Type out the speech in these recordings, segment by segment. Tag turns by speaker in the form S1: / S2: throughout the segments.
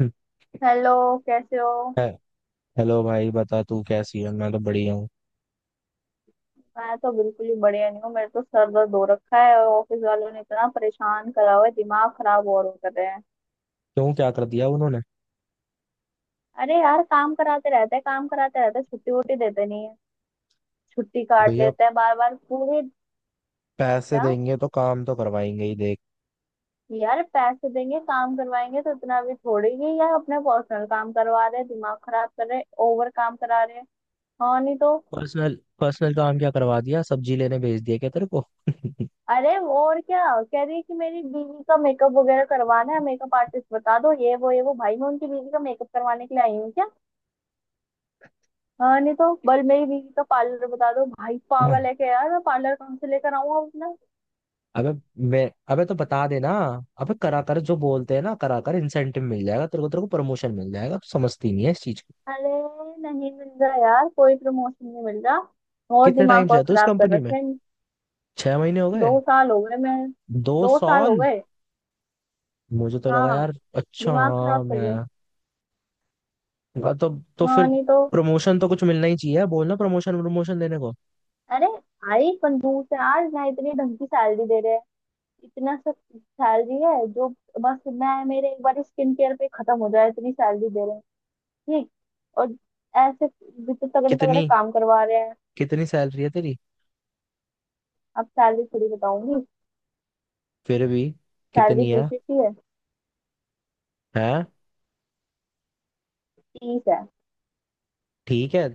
S1: है-
S2: हेलो, कैसे हो।
S1: हेलो भाई, बता तू कैसी है? मैं तो बढ़िया हूँ।
S2: मैं तो बिल्कुल ही बढ़िया नहीं हूँ। मेरे तो सर दर्द हो रखा है और ऑफिस वालों ने इतना परेशान करा हुआ है, दिमाग खराब और कर रहे हैं।
S1: क्यों, क्या कर दिया उन्होंने?
S2: अरे यार, काम कराते रहते हैं, काम कराते रहते हैं, छुट्टी वुट्टी देते नहीं है। छुट्टी काट
S1: भैया,
S2: लेते हैं बार बार पूरे।
S1: पैसे
S2: क्या
S1: देंगे तो काम तो करवाएंगे ही, देख।
S2: यार, पैसे देंगे काम करवाएंगे तो इतना भी थोड़ी ही यार, अपने पर्सनल काम करवा रहे हैं, दिमाग खराब कर रहे हैं, ओवर काम करा रहे हैं। हाँ, नहीं तो।
S1: पर्सनल पर्सनल काम क्या करवा दिया? सब्जी लेने भेज दिया क्या तेरे को?
S2: अरे, वो और क्या कह रही है कि मेरी बीवी का मेकअप वगैरह करवाना है, मेकअप आर्टिस्ट बता दो, ये वो ये वो। भाई, मैं उनकी बीवी का मेकअप करवाने के लिए आई हूँ क्या। हाँ, नहीं तो। बल मेरी बीवी का पार्लर बता दो। भाई
S1: हाँ।
S2: पागल है क्या यार, मैं पार्लर कहाँ से लेकर आऊंगा अपना।
S1: अबे, मैं अबे तो बता देना। अबे करा कर, जो बोलते हैं ना, करा कर। इंसेंटिव मिल जाएगा तेरे को, तेरे को प्रमोशन मिल जाएगा। तू समझती नहीं है इस चीज को।
S2: अरे, नहीं मिल रहा यार, कोई प्रमोशन नहीं मिल रहा। और
S1: कितने टाइम
S2: दिमाग
S1: से
S2: और
S1: है तू इस
S2: खराब कर
S1: कंपनी में?
S2: रखे हैं।
S1: 6 महीने हो गए?
S2: 2 साल हो गए मैं।
S1: दो
S2: 2 साल हो
S1: साल
S2: गए।
S1: मुझे तो लगा
S2: हाँ,
S1: यार। अच्छा,
S2: दिमाग खराब
S1: हाँ।
S2: कर
S1: मैं,
S2: गए।
S1: वाह। तो फिर
S2: हाँ, नहीं तो।
S1: प्रमोशन तो कुछ मिलना ही चाहिए। बोल ना प्रमोशन, प्रमोशन देने को।
S2: अरे, आई कंजूस है यार ना, इतनी ढंग की सैलरी दे रहे हैं। इतना सब सैलरी है जो बस मैं मेरे एक बार स्किन केयर पे खत्म हो जाए, इतनी सैलरी दे रहे हैं। ठीक। और ऐसे भी तो तगड़े तगड़े
S1: कितनी,
S2: काम करवा रहे हैं।
S1: कितनी सैलरी है तेरी?
S2: अब सैलरी थोड़ी बताऊंगी।
S1: फिर भी
S2: सैलरी
S1: कितनी है?
S2: पूछी थी है।
S1: है?
S2: 30 है।
S1: ठीक है।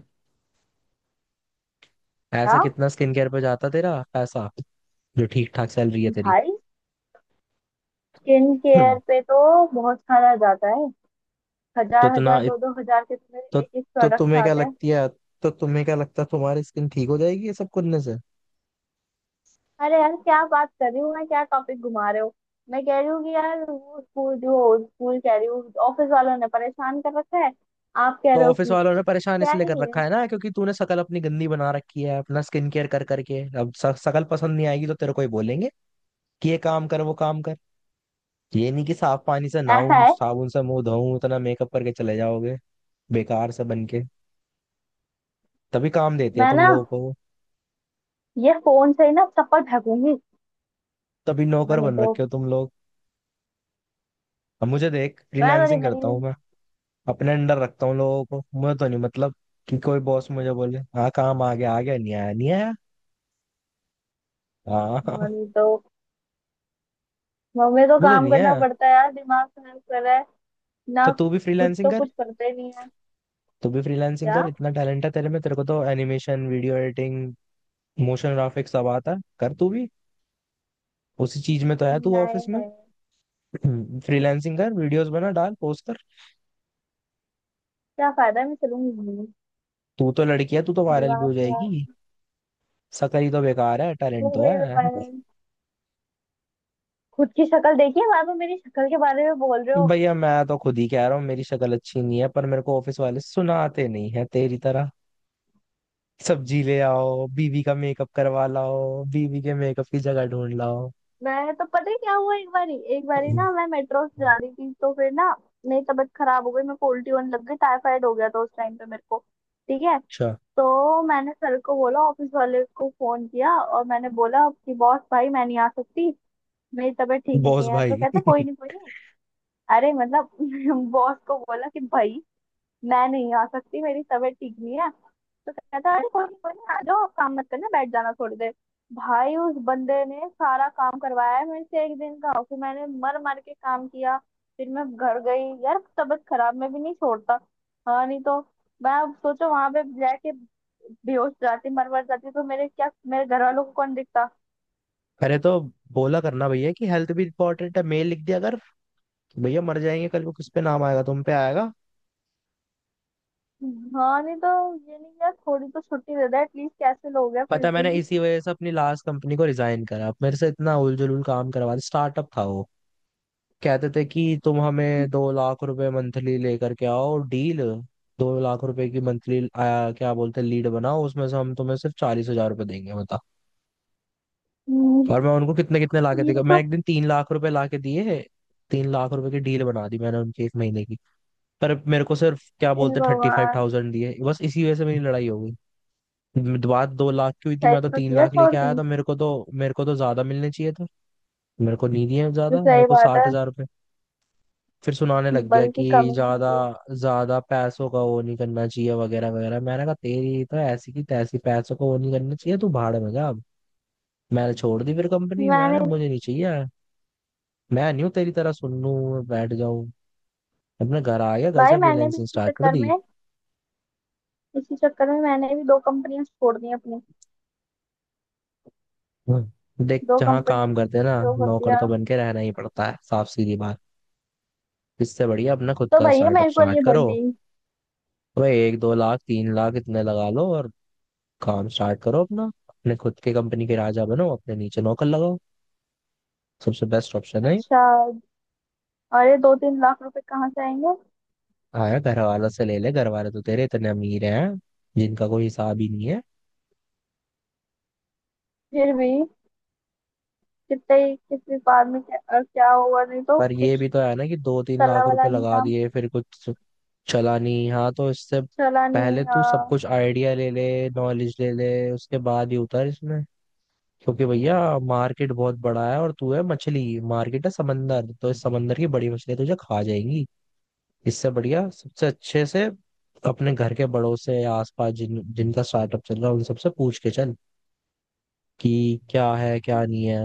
S2: क्या?
S1: ऐसा कितना स्किन केयर पे जाता तेरा पैसा जो ठीक ठाक सैलरी है तेरी?
S2: भाई, स्किन
S1: हम्म,
S2: केयर पे तो बहुत सारा जाता है।
S1: तो
S2: हजार हजार, दो दो हजार के तुम्हें
S1: तो,
S2: एक एक
S1: तो
S2: प्रोडक्ट आते हैं।
S1: तुम्हें क्या लगता है तुम्हारी स्किन ठीक हो जाएगी ये सब करने से?
S2: अरे यार, क्या बात कर रही हूँ मैं, क्या टॉपिक घुमा रहे हो। मैं कह रही हूँ कि यार वो स्कूल, जो स्कूल कह रही हूँ, ऑफिस वालों ने परेशान कर रखा है। आप कह
S1: तो
S2: रहे हो
S1: ऑफिस
S2: कि
S1: वालों ने परेशान
S2: क्या
S1: इसलिए
S2: है
S1: कर
S2: ये।
S1: रखा है ना, क्योंकि तूने शकल अपनी गंदी बना रखी है। अपना स्किन केयर कर करके अब शकल पसंद नहीं आएगी, तो तेरे को ही बोलेंगे कि ये काम कर, वो काम कर। ये नहीं कि साफ पानी से
S2: ऐसा
S1: नहाऊं,
S2: है,
S1: साबुन से मुंह धोऊं, इतना मेकअप करके चले जाओगे बेकार से बन के। तभी काम देती है
S2: मैं
S1: तुम
S2: ना
S1: लोगों को वो।
S2: ये फोन से ही ना चप्पल फेंकूंगी।
S1: तभी
S2: हाँ,
S1: नौकर
S2: नहीं
S1: बन
S2: तो।
S1: रखे हो तुम लोग। अब मुझे देख,
S2: मैं तो नहीं
S1: फ्रीलांसिंग करता हूँ
S2: मरी।
S1: मैं। अपने अंडर रखता हूँ लोगों को। मुझे तो नहीं मतलब कि कोई बॉस मुझे बोले, हाँ काम आ गया, आ गया, नहीं आया, नहीं आया।
S2: हाँ,
S1: हाँ।
S2: नहीं तो। मम्मी, तो
S1: मुझे
S2: काम
S1: नहीं
S2: करना
S1: आया।
S2: पड़ता है यार, दिमाग खराब कर रहा है।
S1: तो
S2: ना,
S1: तू भी
S2: खुद
S1: फ्रीलांसिंग
S2: तो
S1: कर।
S2: कुछ करते ही नहीं है।
S1: तू भी फ्रीलांसिंग
S2: क्या
S1: कर, इतना टैलेंट है तेरे में। तेरे को तो animation, video editing, motion graphics सब आता है। कर तू भी, उसी चीज में तो है
S2: नहीं
S1: तू ऑफिस में।
S2: है।
S1: फ्रीलांसिंग कर, वीडियोस बना डाल, पोस्ट कर।
S2: क्या फायदा है, मैं चलूंगी।
S1: तू तो लड़की है, तू तो वायरल भी
S2: दिमाग
S1: हो जाएगी।
S2: खराब
S1: शक्ल ही तो बेकार है,
S2: हो
S1: टैलेंट तो
S2: गई है
S1: है।
S2: मेरे। खुद की शक्ल देखिए, बाद में मेरी शक्ल के बारे में बोल रहे हो।
S1: भैया, मैं तो खुद ही कह रहा हूँ मेरी शक्ल अच्छी नहीं है, पर मेरे को ऑफिस वाले सुनाते नहीं है तेरी तरह। सब्जी ले आओ, बीवी का मेकअप करवा लाओ, बीवी के मेकअप की जगह ढूंढ लाओ।
S2: मैं तो, पता है क्या हुआ, एक बारी ना मैं मेट्रो से
S1: अच्छा।
S2: जा रही थी तो फिर ना मेरी तबीयत खराब हो गई, मेरे को उल्टी होने लग गई। टाइफाइड हो गया था उस टाइम पे मेरे को। ठीक है। तो मैंने सर को बोला, ऑफिस वाले को फोन किया और मैंने बोला कि बॉस भाई मैं नहीं आ सकती, मेरी तबीयत ठीक
S1: बॉस
S2: नहीं है। तो
S1: भाई।
S2: कहते, कोई नहीं, कोई नहीं। अरे मतलब, बॉस को बोला कि भाई मैं नहीं आ सकती, मेरी तबीयत ठीक नहीं है। तो कहता है अरे कोई नहीं, कोई नहीं, आ जाओ, काम मत करना, बैठ जाना थोड़ी देर। भाई, उस बंदे ने सारा काम करवाया है मेरे से एक दिन का, फिर मैंने मर मर के काम किया। फिर मैं घर गई। यार तबीयत खराब, मैं भी नहीं छोड़ता। हाँ, नहीं तो। मैं, अब सोचो वहां पे जाके बेहोश जाती, मर मर जाती तो मेरे क्या, मेरे घर वालों को कौन दिखता।
S1: अरे तो बोला करना, भैया कि हेल्थ भी इंपॉर्टेंट है। मेल लिख दिया अगर भैया मर जाएंगे कल को, किस पे नाम आएगा? तुम पे आएगा।
S2: हाँ, नहीं तो। ये नहीं यार, थोड़ी तो छुट्टी दे दे एटलीस्ट, कैसे लोग हैं
S1: पता है,
S2: बिल्कुल
S1: मैंने
S2: ही।
S1: इसी वजह से अपनी लास्ट कंपनी को रिजाइन करा। मेरे से इतना उल जुलूल काम करवा, स्टार्टअप था वो। कहते थे कि तुम हमें 2 लाख रुपए मंथली लेकर के आओ डील। 2 लाख रुपए की मंथली आया, क्या बोलते हैं लीड बनाओ, उसमें से हम तुम्हें सिर्फ 40 हजार रुपए देंगे, बता।
S2: हम्म।
S1: और मैं उनको कितने कितने लाके
S2: ये
S1: देगा, मैं
S2: तो।
S1: एक दिन 3 लाख रुपए लाके दिए। 3 लाख रुपए की डील बना दी मैंने उनकी एक महीने की। पर मेरे को सिर्फ क्या
S2: हे
S1: बोलते थर्टी फाइव
S2: भगवान।
S1: थाउजेंड दिए। बस इसी वजह से मेरी लड़ाई हो गई। बात 2 लाख की हुई थी,
S2: सही
S1: मैं तो
S2: तो
S1: तीन
S2: किया,
S1: लाख
S2: छोड़
S1: लेके
S2: दी।
S1: आया था। मेरे को तो ज्यादा मिलने चाहिए थे। मेरे को नहीं दिए
S2: जो
S1: ज्यादा, मेरे
S2: सही
S1: को
S2: बात
S1: साठ
S2: है।
S1: हजार रुपये फिर सुनाने लग गया
S2: बल्कि कम
S1: कि
S2: ही
S1: ज्यादा
S2: कीजिए।
S1: ज्यादा पैसों का वो नहीं करना चाहिए वगैरह वगैरह। मैंने कहा तेरी तो ऐसी की तैसी, पैसों का वो नहीं करना चाहिए, तू भाड़ में जा अब। मैंने छोड़ दी फिर कंपनी,
S2: मैंने
S1: मैंने
S2: भी।
S1: मुझे नहीं चाहिए। मैं नहीं हूँ तेरी तरह सुन लूँ बैठ जाऊँ। अपने घर आ गया, घर
S2: भाई
S1: से
S2: मैंने भी
S1: फ्रीलैंसिंग
S2: इसी
S1: स्टार्ट कर
S2: चक्कर में,
S1: दी।
S2: इसी चक्कर में मैंने भी दो कंपनियां छोड़ दी अपनी।
S1: हम्म। देख,
S2: दो
S1: जहाँ
S2: कंपनी
S1: काम करते हैं ना,
S2: इसलिए वो कर
S1: नौकर
S2: दिया।
S1: तो बन के रहना ही पड़ता है, साफ सीधी बात। इससे बढ़िया अपना खुद
S2: तो
S1: का
S2: भैया,
S1: स्टार्टअप
S2: मेरे को
S1: स्टार्ट
S2: नहीं
S1: करो।
S2: बढ़नी।
S1: भाई, एक दो लाख तीन लाख इतने लगा लो और काम स्टार्ट करो अपना। अपने खुद के कंपनी के राजा बनो, अपने नीचे नौकर लगाओ। सबसे बेस्ट ऑप्शन है।
S2: अच्छा। अरे, 2-3 लाख रुपए कहाँ से आएंगे।
S1: आया, घर वालों से ले ले। घर वाले तो तेरे इतने अमीर हैं जिनका कोई हिसाब ही नहीं है।
S2: फिर भी कितने ही- किस व्यापार में क्या, क्या हुआ, नहीं तो
S1: पर ये
S2: कुछ
S1: भी तो है ना कि दो तीन
S2: चला
S1: लाख रुपए
S2: वाला नहीं
S1: लगा
S2: काम।
S1: दिए फिर कुछ चला नहीं? हाँ, तो इससे
S2: चला नहीं
S1: पहले
S2: अ,
S1: तू सब कुछ आइडिया ले ले, नॉलेज ले ले, उसके बाद ही उतर इसमें। क्योंकि भैया, मार्केट बहुत बड़ा है और तू है मछली, मार्केट है समंदर, तो इस समंदर की बड़ी मछलियां तुझे खा जाएंगी। इससे बढ़िया सबसे अच्छे से अपने घर के बड़ों से या आसपास जिन जिनका स्टार्टअप चल रहा है उन सबसे पूछ के चल, कि क्या है क्या नहीं है।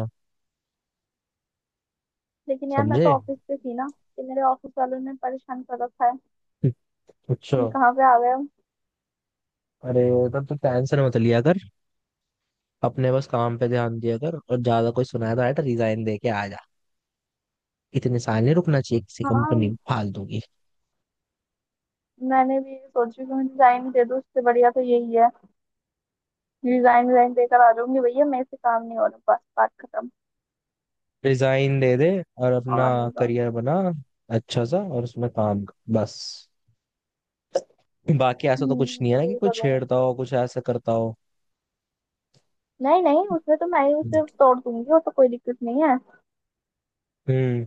S2: लेकिन यार मैं
S1: समझे?
S2: तो ऑफिस पे थी ना, कि मेरे ऑफिस वालों ने परेशान कर रखा है।
S1: अच्छा।
S2: ये कहाँ पे आ गए हो?
S1: अरे, तब तू टेंशन मत लिया कर। अपने बस काम पे ध्यान दिया कर, और ज्यादा कोई सुनाया तो आया तो रिजाइन दे के आ जा। इतने साल नहीं रुकना चाहिए किसी
S2: हाँ,
S1: कंपनी फालतू की।
S2: मैंने भी यही सोची कि मैं डिजाइन दे दूँ, उससे बढ़िया तो यही है। डिजाइन, डिजाइन देकर आ जाऊंगी भैया, मेरे से काम नहीं हो रहा, बस बात खत्म।
S1: डिजाइन दे दे और अपना
S2: और नहीं तो-।
S1: करियर बना अच्छा सा, और उसमें काम कर, बस। बाकी ऐसा तो कुछ नहीं है
S2: हम्म,
S1: ना कि
S2: यही
S1: कुछ
S2: करूंगी।
S1: छेड़ता हो, कुछ ऐसा करता हो?
S2: नहीं नहीं, उसमें तो मैं ही उसे तोड़ दूंगी, वो तो कोई दिक्कत नहीं है।
S1: हम्म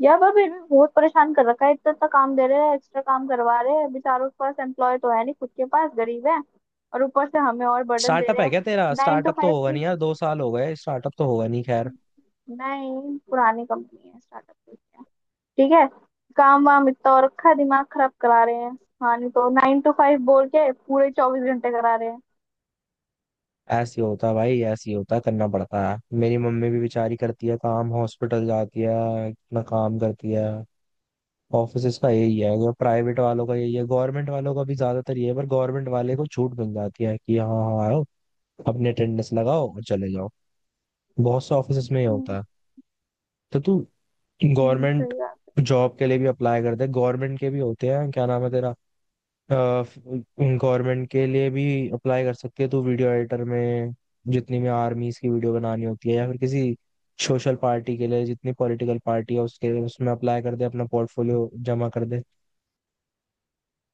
S2: यार पर फिर भी बहुत परेशान कर रखा है, इतना इतना काम दे रहे हैं, एक्स्ट्रा काम करवा रहे हैं। बेचारों के पास एम्प्लॉय तो है नहीं खुद के पास, गरीब है, और ऊपर से हमें और बर्डन दे
S1: स्टार्टअप
S2: रहे
S1: है
S2: हैं।
S1: क्या तेरा?
S2: नाइन टू
S1: स्टार्टअप तो
S2: फाइव
S1: होगा
S2: की।
S1: नहीं यार, 2 साल हो गए, स्टार्टअप तो होगा नहीं, खैर।
S2: नहीं, पुरानी कंपनी है, स्टार्टअप। ठीक है। काम वाम इतना और रखा है, दिमाग खराब करा रहे हैं। हाँ, नहीं तो, 9 to 5 बोल के पूरे 24 घंटे करा रहे हैं।
S1: ऐसे ही होता है भाई, ऐसे ही होता है, करना पड़ता है। मेरी मम्मी भी बेचारी करती है काम, हॉस्पिटल जाती है, इतना काम करती है। ऑफिसेस का यही है, जो प्राइवेट वालों का यही है, गवर्नमेंट वालों का भी ज्यादातर ये है, पर गवर्नमेंट वाले को छूट मिल जाती है कि हाँ हाँ आओ, अपने अटेंडेंस लगाओ और चले जाओ। बहुत से ऑफिस में ही
S2: हम्म।
S1: होता है। तो तू गवर्नमेंट
S2: सही बात है।
S1: जॉब के लिए भी अप्लाई कर दे। गवर्नमेंट के भी होते हैं, क्या नाम है तेरा, गवर्नमेंट के लिए भी अप्लाई कर सकती है तू वीडियो एडिटर में। जितनी भी आर्मीज की वीडियो बनानी होती है, या फिर किसी सोशल पार्टी के लिए, जितनी पॉलिटिकल पार्टी है उसके लिए, उसमें अप्लाई कर दे, अपना पोर्टफोलियो जमा कर दे।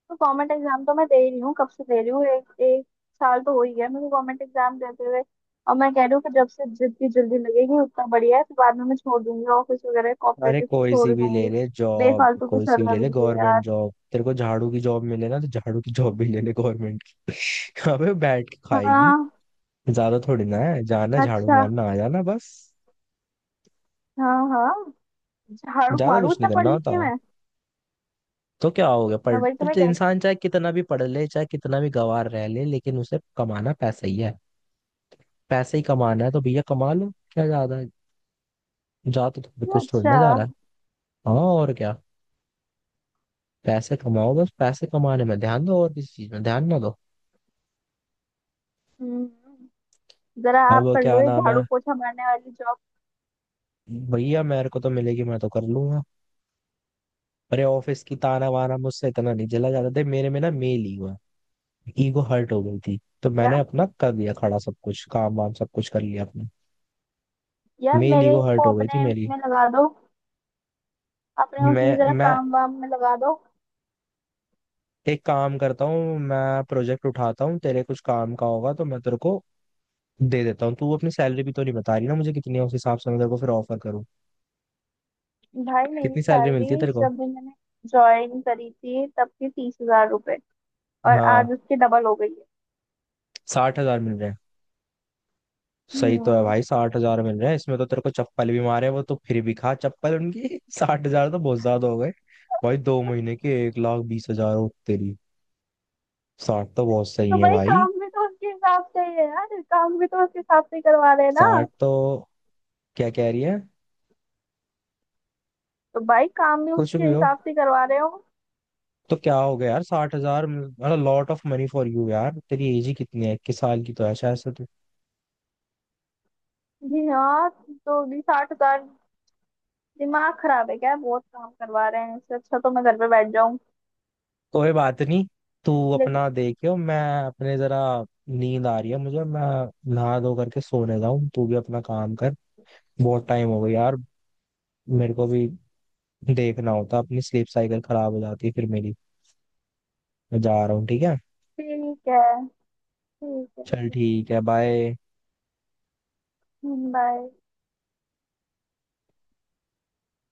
S2: तो गवर्नमेंट एग्जाम तो मैं दे रही हूँ, कब से दे रही हूँ। एक एक साल तो हो ही गया मेरे को गवर्नमेंट एग्जाम देते हुए। और मैं कह रही हूँ कि जब से जितनी जल्दी लगेगी उतना बढ़िया है, तो बाद में मैं छोड़ दूंगी ऑफिस वगैरह,
S1: अरे,
S2: कॉपरेटिव को
S1: कोई सी
S2: छोड़
S1: भी ले
S2: दूंगी।
S1: ले जॉब,
S2: बेफालतू की
S1: कोई सी भी ले
S2: सरदर्द
S1: ले
S2: भी है
S1: गवर्नमेंट
S2: यार।
S1: जॉब। तेरे को झाड़ू की जॉब मिले ना तो झाड़ू की जॉब भी ले ले गवर्नमेंट की। अबे, बैठ के खाएगी।
S2: हाँ।
S1: ज्यादा थोड़ी ना है, जाना, झाड़ू
S2: अच्छा।
S1: मारना, आ जाना, बस।
S2: हाँ हाँ, झाड़ू
S1: ज्यादा
S2: मारू
S1: कुछ नहीं
S2: इतना पढ़
S1: करना
S2: लिख
S1: होता।
S2: के मैं।
S1: तो क्या हो गया
S2: हाँ,
S1: पढ़,
S2: वही तो
S1: पर
S2: मैं
S1: जो
S2: कह रही
S1: इंसान चाहे कितना भी पढ़ ले, चाहे कितना भी गंवार रह ले, लेकिन उसे कमाना पैसा ही है। पैसे ही कमाना है, तो भैया कमा लो, क्या ज्यादा है? जा तो थोड़ी,
S2: हूँ।
S1: कुछ थोड़ी ना
S2: अच्छा।
S1: जा रहा है। हाँ और क्या। पैसे कमाओ, बस पैसे कमाने में ध्यान दो, और किसी चीज में ध्यान ना दो।
S2: हम्म। जरा
S1: अब
S2: आप कर लो
S1: क्या
S2: ये
S1: नाम है,
S2: झाड़ू पोछा मारने वाली जॉब।
S1: भैया मेरे को तो मिलेगी, मैं तो कर लूंगा। अरे, ऑफिस की ताना वाना मुझसे इतना नहीं जला जाता थे, मेरे में ना मेल ही हुआ है। ईगो हर्ट हो गई थी, तो
S2: क्या
S1: मैंने अपना कर दिया खड़ा सब कुछ, काम वाम सब कुछ कर लिया अपने।
S2: यार,
S1: मेरी
S2: मेरे
S1: ईगो हर्ट
S2: को
S1: हो गई थी
S2: अपने
S1: मेरी।
S2: उसमें लगा दो। अपने उसमें
S1: मैं
S2: जरा
S1: मैं
S2: काम वाम में लगा दो।
S1: एक काम करता हूँ, मैं प्रोजेक्ट उठाता हूँ, तेरे कुछ काम का होगा तो मैं तेरे को दे देता हूँ। तू अपनी सैलरी भी तो नहीं बता रही ना मुझे, कितनी है उस हिसाब से मैं तेरे को फिर ऑफर करूँ।
S2: भाई मेरी
S1: कितनी सैलरी मिलती है
S2: सैलरी,
S1: तेरे को?
S2: जब भी मैंने ज्वाइन करी थी, तब थी 30,000 रुपए, और
S1: हाँ,
S2: आज उसकी डबल हो गई है।
S1: 60 हजार मिल रहे हैं? सही तो है
S2: हम्म।
S1: भाई, 60 हजार मिल रहे हैं, इसमें तो तेरे को चप्पल भी मारे वो, तो फिर भी खा चप्पल उनकी। 60 हजार तो बहुत ज्यादा हो गए भाई। दो महीने के 1,20,000 हो तेरी। साठ तो बहुत
S2: तो
S1: सही है
S2: भाई
S1: भाई।
S2: काम भी तो उसके हिसाब से ही है यार, काम भी तो उसके हिसाब से ही करवा रहे हैं ना।
S1: साठ तो, क्या कह रही है।
S2: तो भाई काम भी
S1: कुछ
S2: उसके
S1: भी हो,
S2: हिसाब से करवा रहे हो।
S1: तो क्या हो गया यार, 60 हजार मतलब lot of money for you यार। तेरी एज ही कितनी है? 21 साल की तो है शायद से तू।
S2: जी हाँ। तो भी 60,000, दिमाग खराब है क्या, बहुत काम करवा रहे हैं। इससे अच्छा तो मैं घर पे बैठ जाऊं।
S1: कोई बात नहीं, तू
S2: लेकिन,
S1: अपना देखियो, मैं अपने जरा, नींद आ रही है मुझे, मैं नहा धो करके सोने जाऊं। तू भी अपना काम कर, बहुत टाइम हो गया यार। मेरे को भी देखना होता, अपनी स्लीप साइकिल खराब हो जाती है फिर मेरी। मैं जा रहा हूँ, ठीक है?
S2: ठीक है। ठीक है।
S1: चल ठीक है, बाय।
S2: बाय।